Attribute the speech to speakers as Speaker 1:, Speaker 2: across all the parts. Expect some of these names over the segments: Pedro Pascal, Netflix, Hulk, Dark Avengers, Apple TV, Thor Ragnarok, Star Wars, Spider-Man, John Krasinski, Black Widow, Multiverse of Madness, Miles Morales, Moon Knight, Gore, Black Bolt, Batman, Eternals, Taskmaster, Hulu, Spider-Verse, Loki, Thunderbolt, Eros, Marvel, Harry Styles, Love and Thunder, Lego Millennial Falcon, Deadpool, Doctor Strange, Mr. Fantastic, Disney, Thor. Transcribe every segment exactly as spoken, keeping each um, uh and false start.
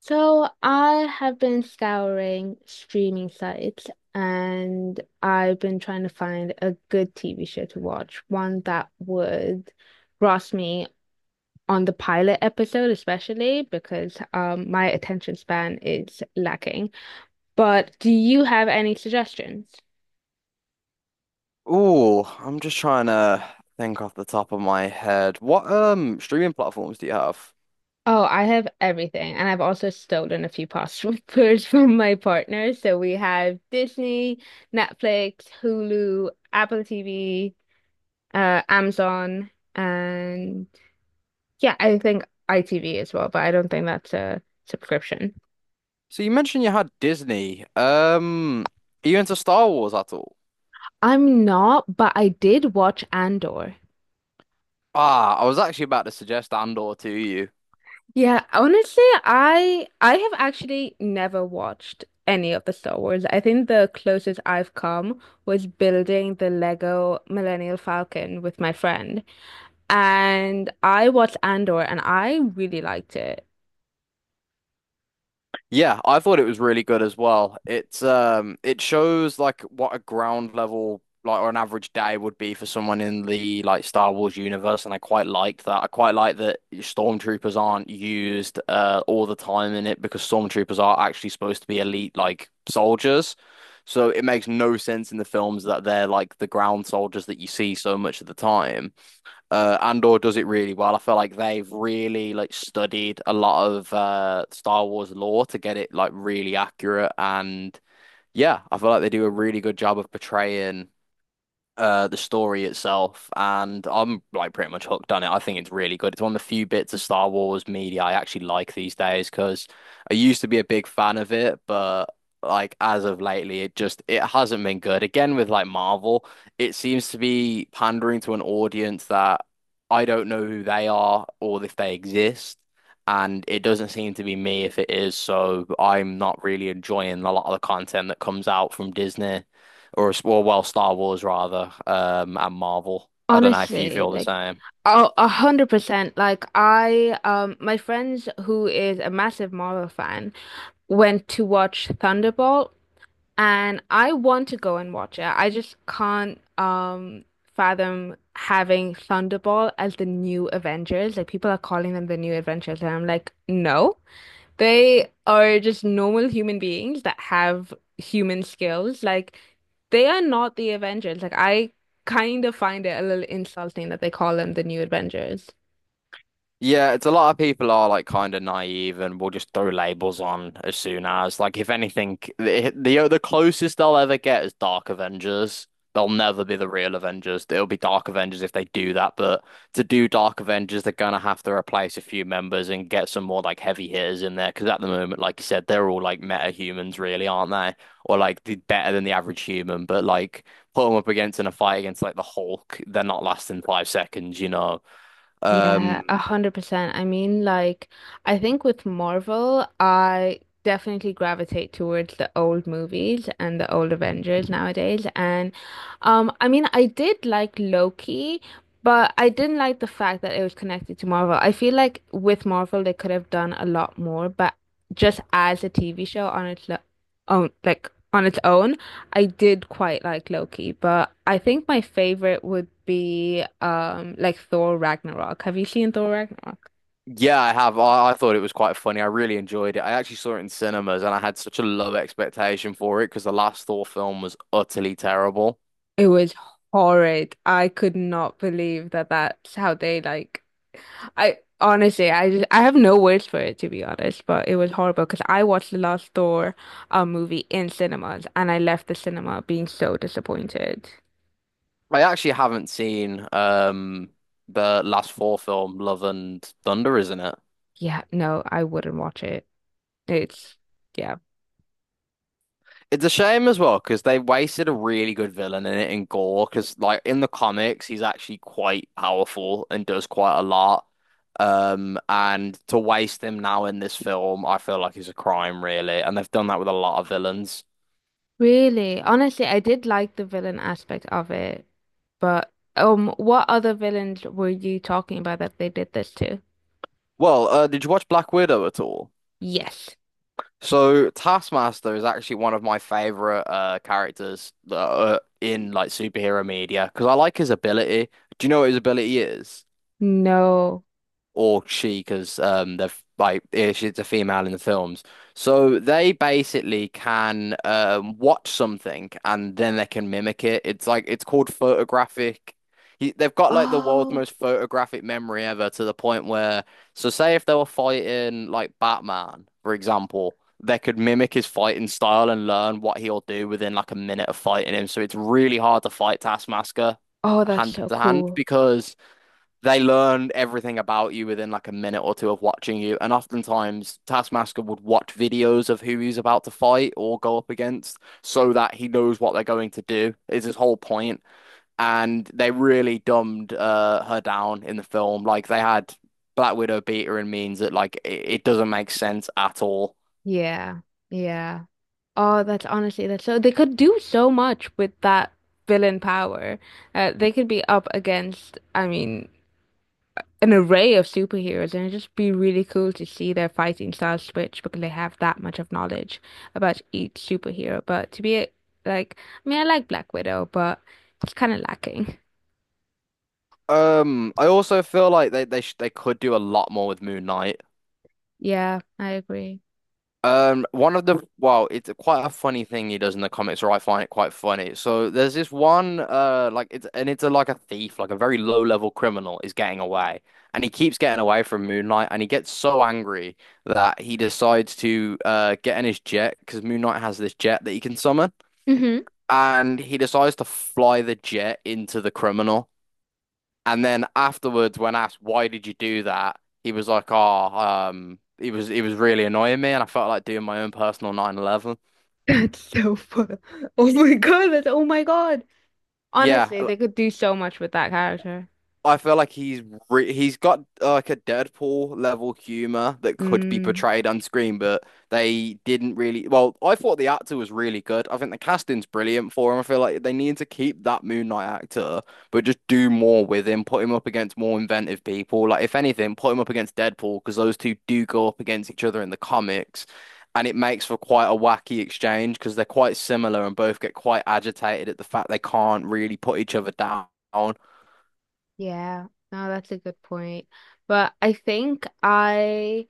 Speaker 1: So I have been scouring streaming sites, and I've been trying to find a good T V show to watch, one that would grasp me on the pilot episode, especially because um my attention span is lacking. But do you have any suggestions?
Speaker 2: Ooh, I'm just trying to think off the top of my head. What um streaming platforms do you have?
Speaker 1: Oh, I have everything. And I've also stolen a few passwords from my partner. So we have Disney, Netflix, Hulu, Apple T V, uh, Amazon, and yeah, I think I T V as well, but I don't think that's a subscription.
Speaker 2: So you mentioned you had Disney. Um, are you into Star Wars at all?
Speaker 1: I'm not, but I did watch Andor.
Speaker 2: Ah, I was actually about to suggest Andor to you.
Speaker 1: Yeah, honestly, I I have actually never watched any of the Star Wars. I think the closest I've come was building the Lego Millennial Falcon with my friend, and I watched Andor and I really liked it.
Speaker 2: Yeah, I thought it was really good as well. It's um it shows like what a ground level like or an average day would be for someone in the like Star Wars universe, and I quite liked that. I quite like that stormtroopers aren't used uh all the time in it because stormtroopers are actually supposed to be elite like soldiers. So it makes no sense in the films that they're like the ground soldiers that you see so much of the time. Uh, Andor does it really well. I feel like they've really like studied a lot of uh Star Wars lore to get it like really accurate, and yeah, I feel like they do a really good job of portraying uh the story itself, and I'm like pretty much hooked on it. I think it's really good. It's one of the few bits of Star Wars media I actually like these days because I used to be a big fan of it, but like as of lately it just it hasn't been good. Again with like Marvel, it seems to be pandering to an audience that I don't know who they are or if they exist. And it doesn't seem to be me if it is, so I'm not really enjoying a lot of the content that comes out from Disney or well, well, Star Wars rather, um, and Marvel. I don't know if you
Speaker 1: Honestly,
Speaker 2: feel the
Speaker 1: like,
Speaker 2: same.
Speaker 1: a a hundred percent. Like I, um, my friends who is a massive Marvel fan went to watch Thunderbolt, and I want to go and watch it. I just can't um fathom having Thunderbolt as the new Avengers. Like, people are calling them the new Avengers, and I'm like, no. They are just normal human beings that have human skills. Like, they are not the Avengers. Like, I kind of find it a little insulting that they call them the new Avengers.
Speaker 2: Yeah, it's a lot of people are like kind of naive and will just throw labels on as soon as like, if anything, the the, the closest they'll ever get is Dark Avengers. They'll never be the real Avengers. It'll be Dark Avengers if they do that, but to do Dark Avengers, they're gonna have to replace a few members and get some more like heavy hitters in there because at the moment, like you said, they're all like meta humans, really, aren't they? Or like the, better than the average human, but like put them up against in a fight against like the Hulk, they're not lasting five seconds, you know.
Speaker 1: Yeah,
Speaker 2: Um,
Speaker 1: a hundred percent. I mean, like, I think with Marvel, I definitely gravitate towards the old movies and the old Avengers nowadays. And um, I mean, I did like Loki, but I didn't like the fact that it was connected to Marvel. I feel like with Marvel, they could have done a lot more, but just as a T V show on its lo- own, like on its own. I did quite like Loki, but I think my favorite would be um like Thor Ragnarok. Have you seen Thor Ragnarok?
Speaker 2: Yeah, I have. I, I thought it was quite funny. I really enjoyed it. I actually saw it in cinemas, and I had such a low expectation for it because the last Thor film was utterly terrible.
Speaker 1: It was horrid. I could not believe that that's how they like I honestly I just, I have no words for it, to be honest, but it was horrible because I watched the last Thor uh, movie in cinemas and I left the cinema being so disappointed.
Speaker 2: I actually haven't seen um the last Thor film, Love and Thunder, isn't it?
Speaker 1: Yeah, no, I wouldn't watch it. It's yeah.
Speaker 2: It's a shame as well because they wasted a really good villain in it in Gore, because like in the comics he's actually quite powerful and does quite a lot. Um, and to waste him now in this film, I feel like is a crime really, and they've done that with a lot of villains.
Speaker 1: Really? Honestly, I did like the villain aspect of it, but um, what other villains were you talking about that they did this to?
Speaker 2: Well, uh, did you watch Black Widow at all?
Speaker 1: Yes.
Speaker 2: So Taskmaster is actually one of my favorite uh, characters uh, in like superhero media because I like his ability. Do you know what his ability is?
Speaker 1: No.
Speaker 2: Or she, because um, they're f- like eh, she's a female in the films. So they basically can, um, watch something, and then they can mimic it. It's like it's called photographic. He, they've got like the world's
Speaker 1: Oh.
Speaker 2: most photographic memory ever, to the point where, so say if they were fighting like Batman, for example, they could mimic his fighting style and learn what he'll do within like a minute of fighting him. So it's really hard to fight Taskmaster
Speaker 1: Oh, that's
Speaker 2: hand
Speaker 1: so
Speaker 2: to hand
Speaker 1: cool.
Speaker 2: because they learn everything about you within like a minute or two of watching you. And oftentimes, Taskmaster would watch videos of who he's about to fight or go up against so that he knows what they're going to do, is his whole point. And they really dumbed uh, her down in the film. Like, they had Black Widow beat her in means that, like, it, it doesn't make sense at all.
Speaker 1: Yeah. Yeah. Oh, that's honestly that's so they could do so much with that villain power. Uh, they could be up against, I mean, an array of superheroes, and it'd just be really cool to see their fighting styles switch because they have that much of knowledge about each superhero. But to be a- like, I mean, I like Black Widow, but it's kind of lacking.
Speaker 2: Um, I also feel like they they sh they could do a lot more with Moon Knight.
Speaker 1: Yeah, I agree.
Speaker 2: Um, one of the wow, it's a- quite a funny thing he does in the comics, or I find it quite funny. So there's this one, uh, like it's and it's a, like a thief, like a very low level criminal is getting away, and he keeps getting away from Moon Knight, and he gets so angry that he decides to uh get in his jet because Moon Knight has this jet that he can summon,
Speaker 1: Hmm.
Speaker 2: and he decides to fly the jet into the criminal. And then afterwards, when asked why did you do that, he was like, "Oh, um, it was it was really annoying me, and I felt like doing my own personal nine eleven."
Speaker 1: That's so fun. Oh my God, that's oh my God.
Speaker 2: Yeah,
Speaker 1: Honestly, they could do so much with that character.
Speaker 2: I feel like he's re he's got uh, like a Deadpool level humor that could be
Speaker 1: Mm,
Speaker 2: portrayed on screen, but they didn't really. Well, I thought the actor was really good. I think the casting's brilliant for him. I feel like they need to keep that Moon Knight actor, but just do more with him. Put him up against more inventive people. Like if anything, put him up against Deadpool because those two do go up against each other in the comics, and it makes for quite a wacky exchange because they're quite similar and both get quite agitated at the fact they can't really put each other down.
Speaker 1: yeah, no, that's a good point. But I think I.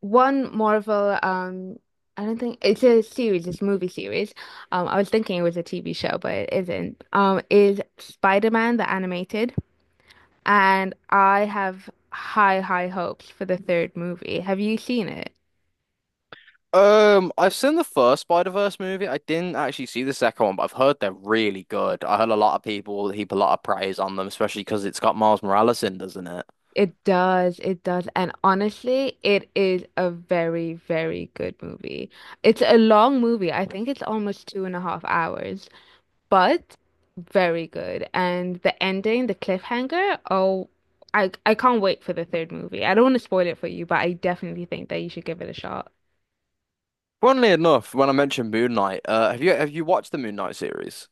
Speaker 1: one Marvel, um, I don't think it's a series, it's a movie series. Um, I was thinking it was a T V show, but it isn't. Um, is Spider-Man the animated, and I have high, high hopes for the third movie. Have you seen it?
Speaker 2: Um, I've seen the first Spider-Verse movie. I didn't actually see the second one, but I've heard they're really good. I heard a lot of people heap a lot of praise on them, especially because it's got Miles Morales in, doesn't it?
Speaker 1: It does, it does, and honestly, it is a very, very good movie. It's a long movie. I think it's almost two and a half hours, but very good. And the ending, the cliffhanger, oh, I I can't wait for the third movie. I don't want to spoil it for you, but I definitely think that you should give it a shot.
Speaker 2: Funnily enough, when I mentioned Moon Knight, uh, have you have you watched the Moon Knight series?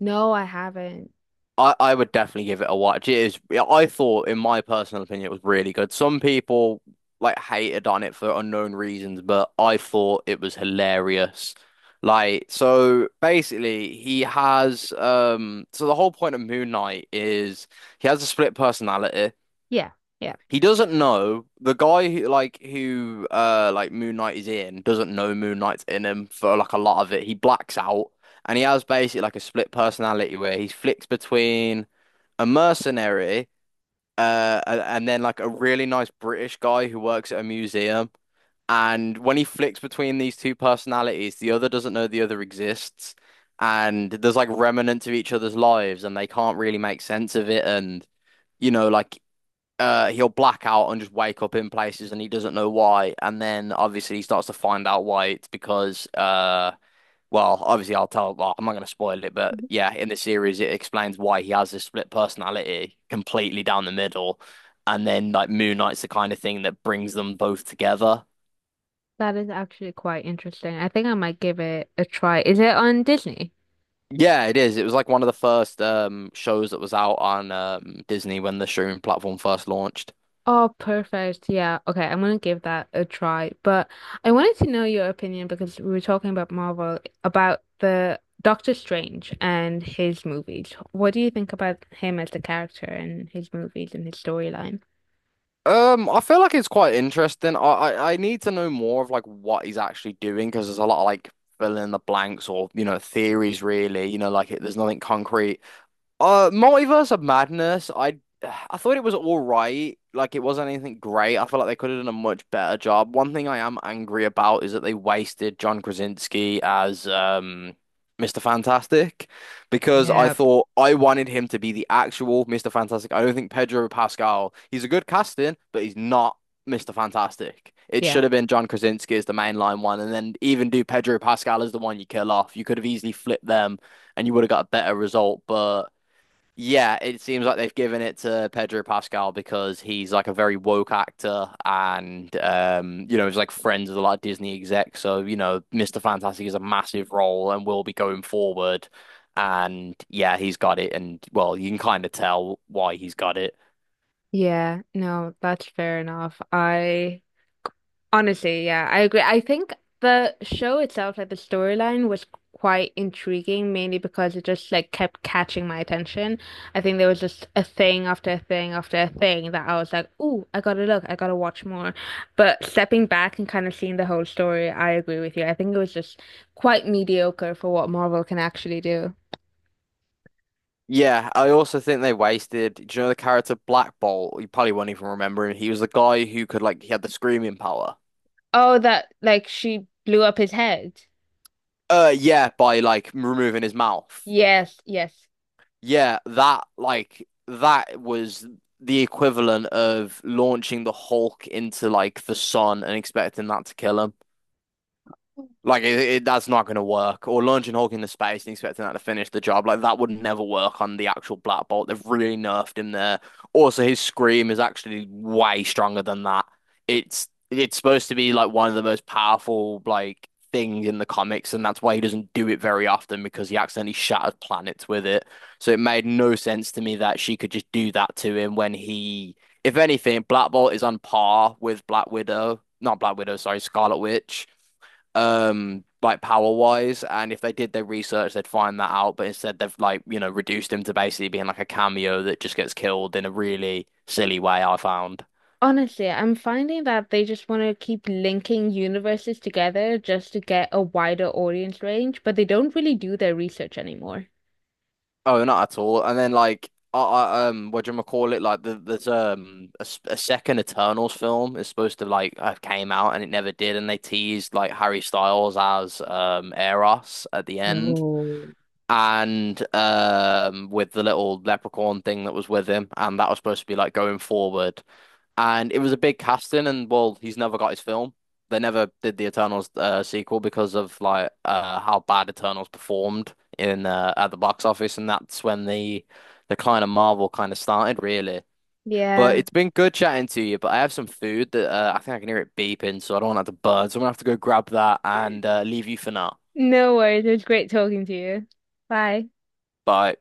Speaker 1: No, I haven't.
Speaker 2: I, I would definitely give it a watch. It is, yeah, I thought, in my personal opinion, it was really good. Some people like hated on it for unknown reasons, but I thought it was hilarious. Like, so basically, he has, um, so the whole point of Moon Knight is he has a split personality.
Speaker 1: Yeah, yeah.
Speaker 2: He doesn't know the guy who, like, who, uh, like Moon Knight is in, doesn't know Moon Knight's in him for like a lot of it. He blacks out, and he has basically like a split personality where he flicks between a mercenary, uh, a- and then like a really nice British guy who works at a museum. And when he flicks between these two personalities, the other doesn't know the other exists. And there's like remnants of each other's lives, and they can't really make sense of it. And you know, like uh, he'll black out and just wake up in places, and he doesn't know why. And then obviously he starts to find out why. It's because uh, well, obviously, I'll tell. Well, I'm not going to spoil it, but
Speaker 1: Mhm.
Speaker 2: yeah, in the series, it explains why he has this split personality completely down the middle, and then like Moon Knight's the kind of thing that brings them both together.
Speaker 1: That is actually quite interesting. I think I might give it a try. Is it on Disney?
Speaker 2: Yeah, it is. It was like one of the first um shows that was out on um Disney when the streaming platform first launched.
Speaker 1: Oh, perfect. Yeah. Okay, I'm gonna give that a try. But I wanted to know your opinion because we were talking about Marvel, about the Doctor Strange and his movies. What do you think about him as the character and his movies and his storyline?
Speaker 2: Um, I feel like it's quite interesting. I I, I need to know more of like what he's actually doing because there's a lot of like fill in the blanks or you know theories really. You know, like it, there's nothing concrete. Uh, Multiverse of Madness. I I thought it was all right. Like it wasn't anything great. I feel like they could have done a much better job. One thing I am angry about is that they wasted John Krasinski as um mister Fantastic, because I
Speaker 1: Yeah,
Speaker 2: thought I wanted him to be the actual mister Fantastic. I don't think Pedro Pascal, he's a good casting, but he's not mister Fantastic. It
Speaker 1: yeah.
Speaker 2: should have been John Krasinski as the mainline one, and then even do Pedro Pascal as the one you kill off. You could have easily flipped them, and you would have got a better result, but yeah, it seems like they've given it to Pedro Pascal because he's like a very woke actor, and um, you know, he's like friends with a lot of Disney execs. So, you know, mister Fantastic is a massive role and will be going forward. And yeah, he's got it, and well, you can kind of tell why he's got it.
Speaker 1: Yeah, no, that's fair enough. I honestly, yeah, I agree. I think the show itself, like the storyline, was quite intriguing, mainly because it just like kept catching my attention. I think there was just a thing after a thing after a thing that I was like, "Ooh, I gotta look, I gotta watch more." But stepping back and kind of seeing the whole story, I agree with you. I think it was just quite mediocre for what Marvel can actually do.
Speaker 2: Yeah, I also think they wasted. Do you know the character Black Bolt? You probably won't even remember him. He was the guy who could like he had the screaming power.
Speaker 1: Oh, that like she blew up his head.
Speaker 2: Uh yeah, by like removing his mouth.
Speaker 1: Yes, yes.
Speaker 2: Yeah, that like that was the equivalent of launching the Hulk into like the sun and expecting that to kill him. Like it, it, that's not going to work. Or launching Hulk into space and expecting that to finish the job, like that would never work on the actual Black Bolt. They've really nerfed him there. Also, his scream is actually way stronger than that. It's it's supposed to be like one of the most powerful like things in the comics, and that's why he doesn't do it very often because he accidentally shatters planets with it. So it made no sense to me that she could just do that to him when he, if anything, Black Bolt is on par with Black Widow, not Black Widow, sorry, Scarlet Witch, um like power wise. And if they did their research, they'd find that out, but instead they've like, you know, reduced him to basically being like a cameo that just gets killed in a really silly way, I found.
Speaker 1: Honestly, I'm finding that they just want to keep linking universes together just to get a wider audience range, but they don't really do their research anymore.
Speaker 2: Oh, not at all. And then like, I, I um what do you call it, like the, there's um a, s- a second Eternals film is supposed to like have came out, and it never did, and they teased like Harry Styles as um Eros at the end, and um with the little leprechaun thing that was with him, and that was supposed to be like going forward, and it was a big casting, and well, he's never got his film. They never did the Eternals uh, sequel because of like uh, how bad Eternals performed in uh, at the box office, and that's when the decline of Marvel kind of started, really. But
Speaker 1: Yeah.
Speaker 2: it's been good chatting to you. But I have some food that uh, I think I can hear it beeping, so I don't want that to burn. So I'm gonna have to go grab that and uh, leave you for now.
Speaker 1: No worries. It was great talking to you. Bye.
Speaker 2: Bye.